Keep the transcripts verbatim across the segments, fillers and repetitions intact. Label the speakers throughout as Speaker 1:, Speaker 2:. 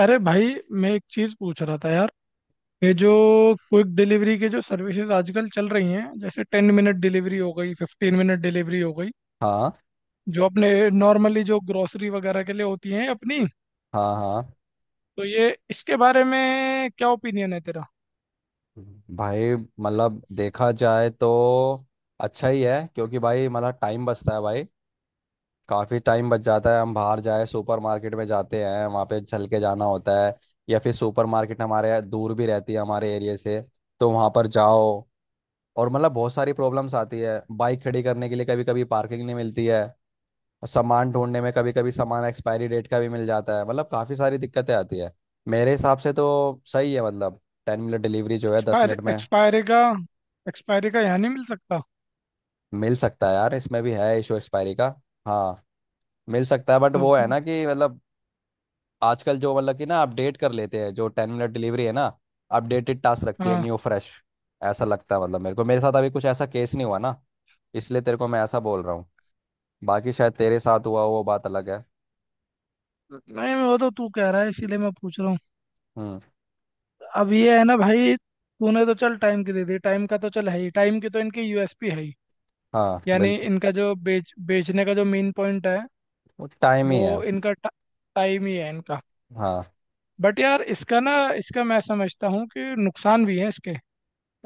Speaker 1: अरे भाई, मैं एक चीज पूछ रहा था यार। ये जो क्विक डिलीवरी के जो सर्विसेज आजकल चल रही हैं, जैसे टेन मिनट डिलीवरी हो गई, फिफ्टीन मिनट डिलीवरी हो गई,
Speaker 2: हाँ
Speaker 1: जो अपने नॉर्मली जो ग्रोसरी वगैरह के लिए होती हैं अपनी,
Speaker 2: हाँ हाँ
Speaker 1: तो ये इसके बारे में क्या ओपिनियन है तेरा?
Speaker 2: भाई मतलब देखा जाए तो अच्छा ही है क्योंकि भाई मतलब टाइम बचता है भाई। काफ़ी टाइम बच जाता है। हम बाहर जाए सुपरमार्केट में जाते हैं वहाँ पे चल के जाना होता है या फिर सुपरमार्केट हमारे दूर भी रहती है हमारे एरिया से तो वहाँ पर जाओ और मतलब बहुत सारी प्रॉब्लम्स आती है। बाइक खड़ी करने के लिए कभी कभी पार्किंग नहीं मिलती है। सामान ढूंढने में कभी कभी सामान एक्सपायरी डेट का भी मिल जाता है मतलब काफ़ी सारी दिक्कतें आती है। मेरे हिसाब से तो सही है मतलब। टेन मिनट डिलीवरी जो है दस
Speaker 1: एक्सपायर
Speaker 2: मिनट में
Speaker 1: एक्सपायरी का। एक्सपायरी का यहाँ नहीं मिल सकता।
Speaker 2: मिल सकता है यार, इसमें भी है इशू एक्सपायरी का। हाँ, मिल सकता है बट
Speaker 1: तो
Speaker 2: वो है ना कि मतलब आजकल जो मतलब कि ना अपडेट कर लेते हैं, जो टेन मिनट डिलीवरी है ना अपडेटेड टास्क रखती है,
Speaker 1: हाँ।
Speaker 2: New fresh. ऐसा लगता है मतलब, मेरे को मेरे साथ अभी कुछ ऐसा केस नहीं हुआ ना, इसलिए तेरे को मैं ऐसा बोल रहा हूँ। बाकी शायद तेरे साथ हुआ हो, वो बात अलग है।
Speaker 1: नहीं, वो तो तू कह रहा है इसीलिए मैं पूछ रहा हूँ।
Speaker 2: हम्म।
Speaker 1: अब ये है ना भाई, तूने तो चल टाइम की दे दी, टाइम का तो चल है ही, टाइम की तो इनकी यूएसपी है ही।
Speaker 2: हाँ,
Speaker 1: यानी
Speaker 2: बिल्कुल।
Speaker 1: इनका जो बेच बेचने का जो मेन पॉइंट है,
Speaker 2: वो टाइम ही
Speaker 1: वो
Speaker 2: है।
Speaker 1: इनका टाइम ही है इनका।
Speaker 2: हाँ।
Speaker 1: बट यार इसका ना, इसका मैं समझता हूँ कि नुकसान भी है इसके।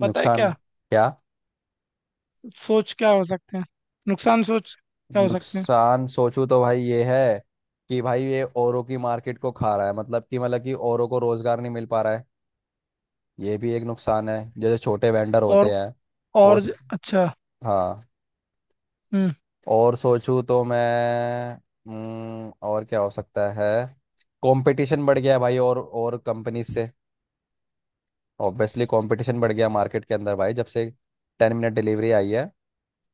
Speaker 1: पता है
Speaker 2: नुकसान।
Speaker 1: क्या?
Speaker 2: क्या।
Speaker 1: सोच क्या हो सकते हैं? नुकसान सोच क्या हो सकते हैं?
Speaker 2: नुकसान सोचूं तो भाई ये है कि भाई ये औरों की मार्केट को खा रहा है, मतलब कि मतलब कि औरों को रोजगार नहीं मिल पा रहा है। ये भी एक नुकसान है, जैसे छोटे वेंडर
Speaker 1: और,
Speaker 2: होते हैं। वो
Speaker 1: और ज-
Speaker 2: स-
Speaker 1: अच्छा।
Speaker 2: हाँ।
Speaker 1: हम्म।
Speaker 2: और सोचूं तो मैं। हम्म, और क्या हो सकता है। कंपटीशन बढ़ गया है भाई, और और कंपनीज से। ऑब्वियसली कंपटीशन बढ़ गया मार्केट के अंदर भाई, जब से टेन मिनट डिलीवरी आई है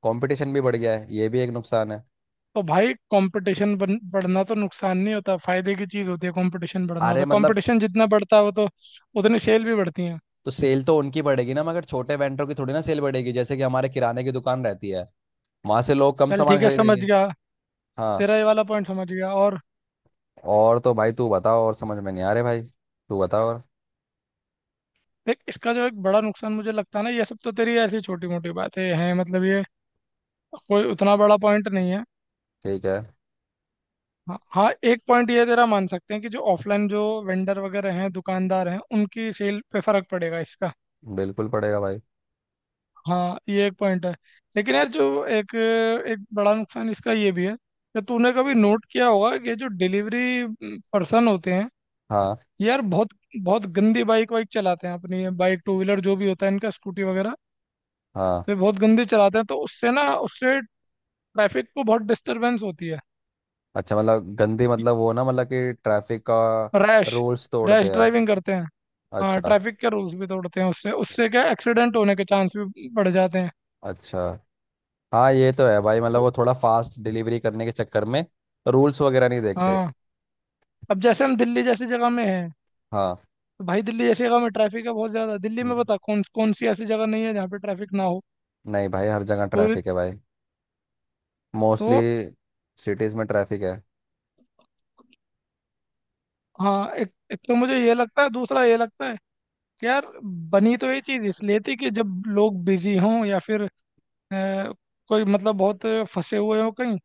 Speaker 2: कंपटीशन भी बढ़ गया है, ये भी एक नुकसान है।
Speaker 1: तो भाई कंपटीशन बढ़ना तो नुकसान नहीं होता, फायदे की चीज़ होती है। कंपटीशन बढ़ना,
Speaker 2: अरे
Speaker 1: तो
Speaker 2: मतलब
Speaker 1: कंपटीशन जितना बढ़ता है वो तो उतनी सेल भी बढ़ती है।
Speaker 2: तो सेल तो उनकी बढ़ेगी ना, मगर छोटे वेंडर की थोड़ी ना सेल बढ़ेगी, जैसे कि हमारे किराने की दुकान रहती है, वहां से लोग कम
Speaker 1: चल
Speaker 2: सामान
Speaker 1: ठीक है, समझ
Speaker 2: खरीदेंगे।
Speaker 1: गया।
Speaker 2: हाँ।
Speaker 1: तेरा ये वाला पॉइंट समझ गया, और
Speaker 2: और तो भाई तू बताओ और, समझ में नहीं आ रहे भाई, तू बताओ और।
Speaker 1: देख इसका जो एक बड़ा नुकसान मुझे लगता है ना, ये सब तो तेरी ऐसी छोटी मोटी बातें हैं, मतलब ये कोई उतना बड़ा पॉइंट नहीं है।
Speaker 2: ठीक है।
Speaker 1: हाँ हाँ, एक पॉइंट ये तेरा मान सकते हैं कि जो ऑफलाइन जो वेंडर वगैरह हैं, दुकानदार हैं, उनकी सेल पे फर्क पड़ेगा इसका।
Speaker 2: बिल्कुल पड़ेगा भाई।
Speaker 1: हाँ ये एक पॉइंट है। लेकिन यार जो एक, एक बड़ा नुकसान इसका ये भी है कि तूने कभी नोट किया होगा कि जो डिलीवरी पर्सन होते हैं,
Speaker 2: हाँ,
Speaker 1: ये यार बहुत बहुत गंदी बाइक वाइक चलाते हैं, अपनी बाइक टू व्हीलर जो भी होता है इनका, स्कूटी वगैरह,
Speaker 2: हाँ।
Speaker 1: ये बहुत गंदी चलाते हैं। तो उससे ना, उससे ट्रैफिक को बहुत डिस्टरबेंस होती है।
Speaker 2: अच्छा, मतलब गंदी मतलब वो ना, मतलब कि ट्रैफिक का
Speaker 1: रैश,
Speaker 2: रूल्स
Speaker 1: रैश
Speaker 2: तोड़ते हैं।
Speaker 1: ड्राइविंग करते हैं। हाँ
Speaker 2: अच्छा।
Speaker 1: ट्रैफिक के रूल्स भी तोड़ते हैं। उससे, उससे क्या एक्सीडेंट होने के चांस भी बढ़ जाते हैं।
Speaker 2: अच्छा, हाँ ये तो है भाई, मतलब वो थोड़ा फास्ट डिलीवरी करने के चक्कर में रूल्स वगैरह नहीं देखते।
Speaker 1: हाँ अब जैसे हम दिल्ली जैसी जगह में हैं,
Speaker 2: हाँ।
Speaker 1: तो भाई दिल्ली जैसी जगह में ट्रैफिक है बहुत ज़्यादा। दिल्ली में
Speaker 2: हम्म,
Speaker 1: बता कौन कौन सी ऐसी जगह नहीं है जहाँ पे ट्रैफिक ना हो?
Speaker 2: नहीं भाई, हर जगह
Speaker 1: पूरी।
Speaker 2: ट्रैफिक है भाई।
Speaker 1: तो
Speaker 2: मोस्टली सिटीज़ में ट्रैफिक है।
Speaker 1: हाँ, एक, एक तो मुझे ये लगता है, दूसरा ये लगता है कि यार बनी तो ये चीज़ इसलिए थी कि जब लोग बिजी हों या फिर अ, कोई मतलब बहुत फंसे हुए हों कहीं।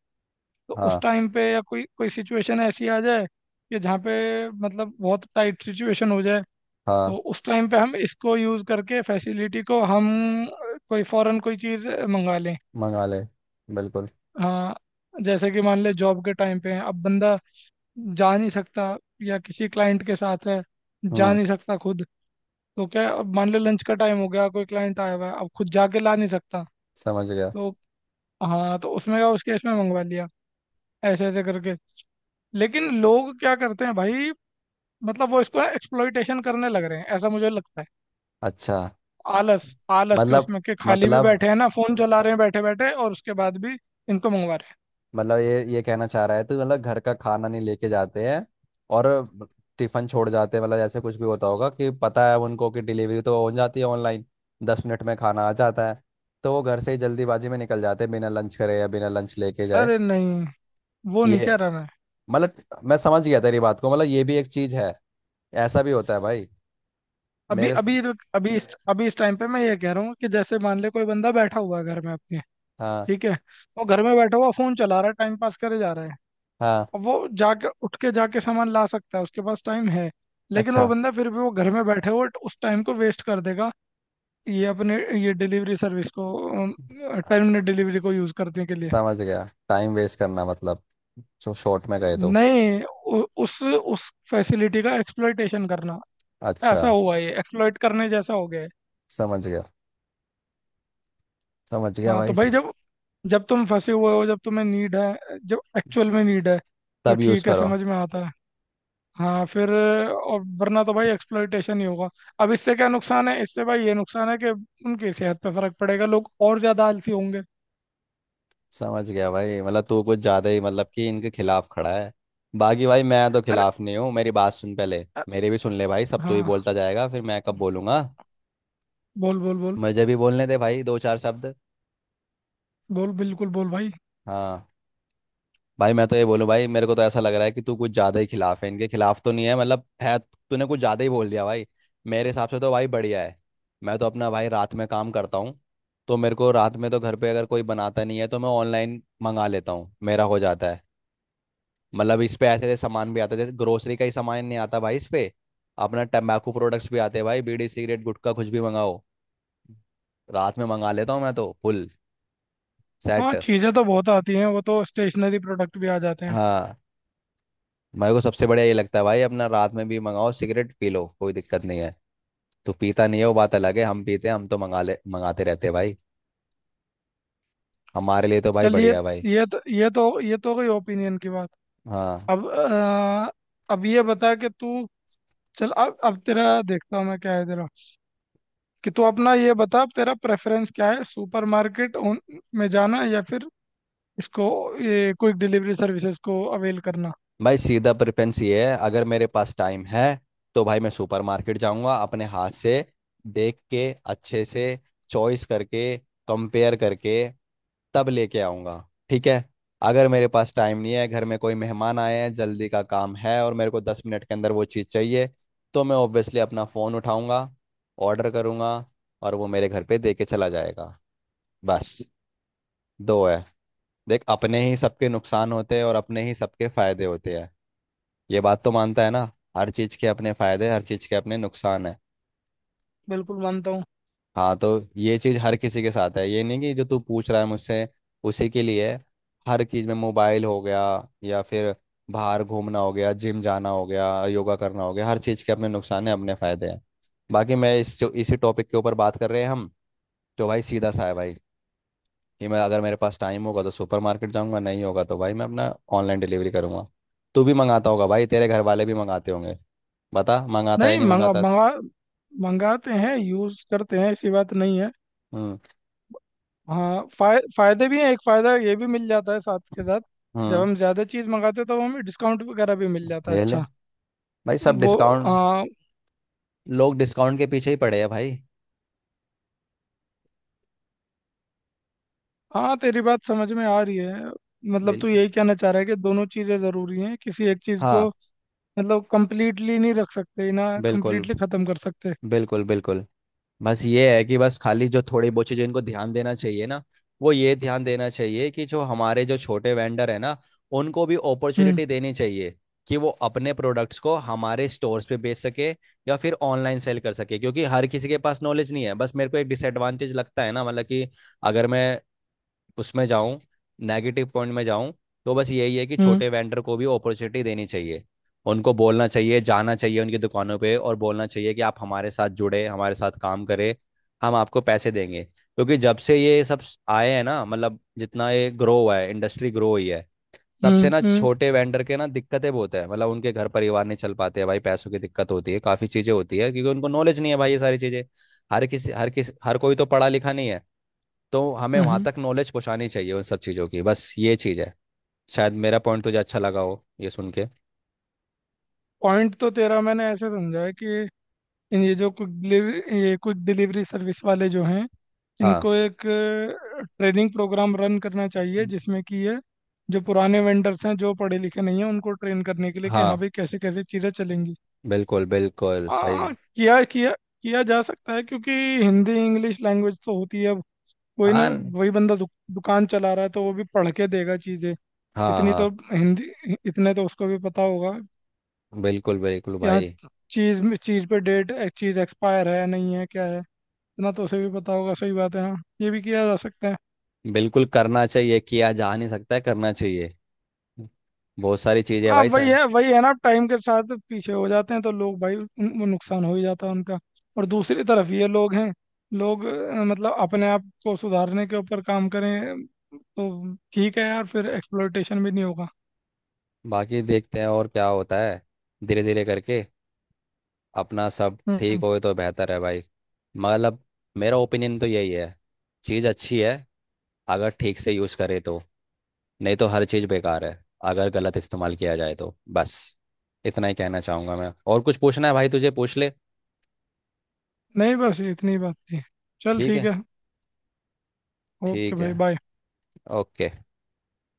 Speaker 1: तो उस
Speaker 2: हाँ।
Speaker 1: टाइम पे, या कोई कोई सिचुएशन ऐसी आ जाए कि जहाँ पे मतलब बहुत टाइट सिचुएशन हो जाए,
Speaker 2: हाँ।
Speaker 1: तो उस टाइम पे हम इसको यूज़ करके फैसिलिटी को हम अ, कोई फॉरेन कोई चीज़ अ, मंगा लें।
Speaker 2: मंगा ले, बिल्कुल।
Speaker 1: हाँ। जैसे कि मान ले जॉब के टाइम पे हैं, अब बंदा जा नहीं सकता, या किसी क्लाइंट के साथ है, जा
Speaker 2: हम्म।
Speaker 1: नहीं सकता खुद। तो क्या, अब मान ले लंच का टाइम हो गया, कोई क्लाइंट आया हुआ है, अब खुद जाके ला नहीं सकता।
Speaker 2: समझ गया।
Speaker 1: तो हाँ, तो उसमें क्या, उस केस में मंगवा लिया, ऐसे ऐसे करके। लेकिन लोग क्या करते हैं भाई, मतलब वो इसको एक्सप्लॉइटेशन करने लग रहे हैं ऐसा मुझे लगता है।
Speaker 2: अच्छा,
Speaker 1: आलस, आलस के
Speaker 2: मतलब
Speaker 1: उसमें के खाली भी
Speaker 2: मतलब
Speaker 1: बैठे हैं ना, फोन चला रहे हैं बैठे बैठे, और उसके बाद भी इनको मंगवा रहे
Speaker 2: मतलब ये ये कहना चाह रहा है तो, मतलब घर का खाना नहीं लेके जाते हैं और टिफिन छोड़ जाते हैं, मतलब जैसे कुछ भी होता होगा कि पता है उनको कि डिलीवरी तो हो जाती है ऑनलाइन, दस मिनट में खाना आ जाता है, तो वो घर से ही जल्दीबाजी में निकल जाते हैं बिना लंच करे या बिना लंच लेके
Speaker 1: हैं।
Speaker 2: जाए।
Speaker 1: अरे नहीं, वो नहीं
Speaker 2: ये
Speaker 1: कह रहा मैं।
Speaker 2: मतलब मैं समझ गया तेरी बात को, मतलब ये भी एक चीज़ है। ऐसा भी होता है भाई।
Speaker 1: अभी
Speaker 2: मेरे स-
Speaker 1: अभी तो- अभी इस अभी इस टाइम पे मैं ये कह रहा हूँ कि जैसे मान ले कोई बंदा बैठा हुआ है घर में अपने,
Speaker 2: हाँ।
Speaker 1: ठीक है, वो घर में बैठा हुआ फोन चला रहा है, टाइम पास करे जा रहा है।
Speaker 2: हाँ।
Speaker 1: अब वो जाके उठ के जाके सामान ला सकता है, उसके पास टाइम है। लेकिन वो
Speaker 2: अच्छा,
Speaker 1: बंदा फिर भी वो घर में बैठे हुए उस टाइम को वेस्ट कर देगा, ये अपने ये डिलीवरी सर्विस को, टाइम मिनट डिलीवरी को यूज़ करने के लिए।
Speaker 2: समझ गया। टाइम वेस्ट करना मतलब, जो शॉर्ट में गए तो।
Speaker 1: नहीं उ, उस उस फैसिलिटी का एक्सप्लॉयटेशन करना,
Speaker 2: अच्छा।
Speaker 1: ऐसा हुआ, ये एक्सप्लॉयट करने जैसा हो गया है।
Speaker 2: समझ गया। समझ गया
Speaker 1: हाँ तो
Speaker 2: भाई।
Speaker 1: भाई जब, जब तुम फंसे हुए हो, जब तुम्हें नीड है, जब एक्चुअल में नीड है, तो
Speaker 2: तब यूज़
Speaker 1: ठीक है,
Speaker 2: करो।
Speaker 1: समझ में आता है। हाँ फिर, और वरना तो भाई एक्सप्लॉयटेशन ही होगा। अब इससे क्या नुकसान है, इससे भाई ये नुकसान है कि उनकी सेहत पे फर्क पड़ेगा, लोग और ज़्यादा आलसी होंगे।
Speaker 2: समझ गया भाई, मतलब तू कुछ ज़्यादा ही, मतलब कि इनके खिलाफ खड़ा है। बाकी भाई मैं तो
Speaker 1: अरे,
Speaker 2: खिलाफ नहीं हूँ। मेरी बात सुन पहले,
Speaker 1: अ-
Speaker 2: मेरी भी सुन ले भाई, सब तू ही
Speaker 1: हाँ,
Speaker 2: बोलता जाएगा फिर मैं कब बोलूँगा।
Speaker 1: बोल बोल बोल।
Speaker 2: मुझे भी बोलने दे भाई, दो चार शब्द।
Speaker 1: बोल बिल्कुल बोल भाई।
Speaker 2: हाँ। भाई मैं तो ये बोलूं भाई, मेरे को तो ऐसा लग रहा है कि तू कुछ ज्यादा ही खिलाफ है, इनके खिलाफ तो नहीं है मतलब, है तूने कुछ ज्यादा ही बोल दिया भाई। मेरे हिसाब से तो भाई बढ़िया है। मैं तो अपना भाई रात में काम करता हूँ, तो मेरे को रात में तो घर पे अगर कोई बनाता नहीं है तो मैं ऑनलाइन मंगा लेता हूँ, मेरा हो जाता है। मतलब इस पे ऐसे ऐसे सामान भी आता है, जैसे ग्रोसरी का ही सामान नहीं आता भाई इस पे। अपना टम्बाकू प्रोडक्ट्स भी आते हैं भाई, बीड़ी, सिगरेट, गुटखा, कुछ भी मंगाओ, रात में मंगा लेता हूँ मैं, तो फुल सेट।
Speaker 1: हाँ चीज़ें तो बहुत आती हैं, वो तो स्टेशनरी प्रोडक्ट भी आ जाते हैं।
Speaker 2: हाँ। मेरे को सबसे बढ़िया ये लगता है भाई, अपना रात में भी मंगाओ, सिगरेट पी लो, कोई दिक्कत नहीं है। तू पीता नहीं है वो बात अलग है, हम पीते हैं, हम तो मंगा ले मंगाते रहते हैं भाई। हमारे लिए तो भाई
Speaker 1: चलिए,
Speaker 2: बढ़िया है भाई।
Speaker 1: ये तो ये तो ये तो गई ओपिनियन की बात।
Speaker 2: हाँ।
Speaker 1: अब अ, अब ये बता कि तू, चल अब अब तेरा, देखता हूँ मैं क्या है तेरा, कि तू अपना ये बता, अब तेरा प्रेफरेंस क्या है, सुपरमार्केट उन में जाना या फिर इसको, ये क्विक डिलीवरी सर्विसेज को अवेल करना।
Speaker 2: भाई सीधा प्रेफरेंस ये है, अगर मेरे पास टाइम है तो भाई मैं सुपरमार्केट जाऊंगा, अपने हाथ से देख के, अच्छे से चॉइस करके, कंपेयर करके, तब लेके आऊंगा। ठीक है। अगर मेरे पास टाइम नहीं है, घर में कोई मेहमान आए हैं, जल्दी का काम है और मेरे को दस मिनट के अंदर वो चीज़ चाहिए, तो मैं ऑब्वियसली अपना फ़ोन उठाऊंगा, ऑर्डर करूंगा और वो मेरे घर पे दे के चला जाएगा, बस। दो है। देख, अपने ही सबके नुकसान होते हैं और अपने ही सबके फायदे होते हैं। ये बात तो मानता है ना। हर चीज के अपने फायदे, हर चीज के अपने नुकसान है।
Speaker 1: बिल्कुल मानता हूँ।
Speaker 2: हाँ, तो ये चीज हर किसी के साथ है, ये नहीं कि जो तू पूछ रहा है मुझसे उसी के लिए है। हर चीज में, मोबाइल हो गया या फिर बाहर घूमना हो गया, जिम जाना हो गया, योगा करना हो गया, हर चीज के अपने नुकसान है अपने फायदे हैं। बाकी मैं इस जो इसी टॉपिक के ऊपर बात कर रहे हैं हम, तो भाई सीधा सा है भाई, कि मैं अगर मेरे पास टाइम होगा तो सुपरमार्केट जाऊंगा, नहीं होगा तो भाई मैं अपना ऑनलाइन डिलीवरी करूंगा। तू भी मंगाता होगा भाई, तेरे घर वाले भी मंगाते होंगे, बता मंगाता है
Speaker 1: नहीं
Speaker 2: नहीं
Speaker 1: मंगा
Speaker 2: मंगाता।
Speaker 1: मंगा मंगाते हैं, यूज़ करते हैं, ऐसी बात नहीं है।
Speaker 2: हम्म।
Speaker 1: हाँ फाय, फायदे भी हैं, एक फायदा ये भी मिल जाता है साथ के साथ, जब
Speaker 2: हम्म।
Speaker 1: हम ज्यादा चीज मंगाते हैं तो हमें डिस्काउंट वगैरह भी मिल जाता है।
Speaker 2: ये ले,
Speaker 1: अच्छा।
Speaker 2: भाई सब
Speaker 1: वो,
Speaker 2: डिस्काउंट,
Speaker 1: हाँ
Speaker 2: लोग डिस्काउंट के पीछे ही पड़े हैं भाई।
Speaker 1: हाँ, तेरी बात समझ में आ रही है। मतलब तू
Speaker 2: बिल्कुल।
Speaker 1: यही कहना चाह रहा है कि दोनों चीजें जरूरी हैं, किसी एक चीज को
Speaker 2: हाँ।
Speaker 1: मतलब कंप्लीटली नहीं रख सकते, ना
Speaker 2: बिल्कुल,
Speaker 1: कंप्लीटली खत्म कर सकते।
Speaker 2: बिल्कुल। बिल्कुल। बस ये है कि बस खाली जो थोड़ी बहुत चीजें इनको ध्यान देना चाहिए ना, वो ये ध्यान देना चाहिए कि जो हमारे जो छोटे वेंडर है ना, उनको भी
Speaker 1: हम्म
Speaker 2: अपॉर्चुनिटी देनी चाहिए कि वो अपने प्रोडक्ट्स को हमारे स्टोर्स पे बेच सके या फिर ऑनलाइन सेल कर सके, क्योंकि हर किसी के पास नॉलेज नहीं है। बस मेरे को एक डिसएडवांटेज लगता है ना, मतलब कि अगर मैं उसमें जाऊं, नेगेटिव पॉइंट में जाऊं, तो बस यही है कि
Speaker 1: हम्म
Speaker 2: छोटे वेंडर को भी अपॉर्चुनिटी देनी चाहिए। उनको बोलना चाहिए, जाना चाहिए उनकी दुकानों पे और बोलना चाहिए कि आप हमारे साथ जुड़े, हमारे साथ काम करें, हम आपको पैसे देंगे, क्योंकि जब से ये सब आए हैं ना, मतलब जितना ये ग्रो हुआ है, इंडस्ट्री ग्रो हुई है, तब से
Speaker 1: हम्म
Speaker 2: ना
Speaker 1: हम्म
Speaker 2: छोटे वेंडर के ना दिक्कतें बहुत है, मतलब उनके घर परिवार नहीं चल पाते हैं भाई, पैसों की दिक्कत होती है, काफ़ी चीज़ें होती है, क्योंकि उनको नॉलेज नहीं है भाई ये सारी चीज़ें। हर किसी हर किस हर कोई तो पढ़ा लिखा नहीं है, तो हमें वहां
Speaker 1: हम्म
Speaker 2: तक नॉलेज पहुंचानी चाहिए उन सब चीजों की, बस ये चीज है। शायद मेरा पॉइंट तुझे अच्छा लगा हो ये सुन के।
Speaker 1: पॉइंट तो तेरा मैंने ऐसे समझा है कि ये जो क्विक डिलीवरी, ये क्विक डिलीवरी सर्विस वाले जो हैं,
Speaker 2: हाँ,
Speaker 1: इनको एक ट्रेनिंग प्रोग्राम रन करना चाहिए
Speaker 2: हम्म।
Speaker 1: जिसमें कि ये जो पुराने वेंडर्स हैं, जो पढ़े लिखे नहीं हैं, उनको ट्रेन करने के लिए कि हाँ
Speaker 2: हाँ,
Speaker 1: भाई कैसे कैसे चीज़ें चलेंगी।
Speaker 2: बिल्कुल बिल्कुल सही।
Speaker 1: हाँ किया, किया, किया जा सकता है क्योंकि हिंदी इंग्लिश लैंग्वेज तो होती है। अब कोई ना,
Speaker 2: हाँ,
Speaker 1: वही बंदा दुक, दुकान चला रहा है तो वो भी पढ़ के देगा चीज़ें।
Speaker 2: हाँ।
Speaker 1: इतनी तो
Speaker 2: हाँ,
Speaker 1: हिंदी, इतने तो उसको भी पता होगा
Speaker 2: बिल्कुल बिल्कुल
Speaker 1: कि हाँ
Speaker 2: भाई।
Speaker 1: चीज़ में- चीज़ पे डेट, चीज़ एक्सपायर है नहीं है क्या है, इतना तो उसे भी पता होगा। सही बात है, हाँ ये भी किया जा सकता है।
Speaker 2: बिल्कुल करना चाहिए, किया जा नहीं सकता है, करना चाहिए। बहुत सारी चीजें हैं
Speaker 1: हाँ
Speaker 2: भाई
Speaker 1: वही
Speaker 2: सर।
Speaker 1: है, वही है ना, टाइम के साथ पीछे हो जाते हैं तो लोग भाई उन- वो नुकसान हो ही जाता है उनका। और दूसरी तरफ ये लोग हैं, लोग अ, मतलब अपने आप को सुधारने के ऊपर काम करें तो ठीक है यार, फिर एक्सप्लोइटेशन भी नहीं होगा।
Speaker 2: बाकी देखते हैं और क्या होता है, धीरे धीरे करके अपना सब ठीक
Speaker 1: हम्म।
Speaker 2: होए तो बेहतर है भाई। मतलब मेरा ओपिनियन तो यही है। चीज़ अच्छी है अगर ठीक से यूज़ करे तो, नहीं तो हर चीज़ बेकार है अगर गलत इस्तेमाल किया जाए तो। बस इतना ही कहना चाहूँगा मैं, और कुछ पूछना है भाई तुझे, पूछ ले।
Speaker 1: नहीं बस इतनी बात थी। चल
Speaker 2: ठीक
Speaker 1: ठीक
Speaker 2: है।
Speaker 1: है। ओके
Speaker 2: ठीक है।
Speaker 1: भाई, बाय।
Speaker 2: ओके।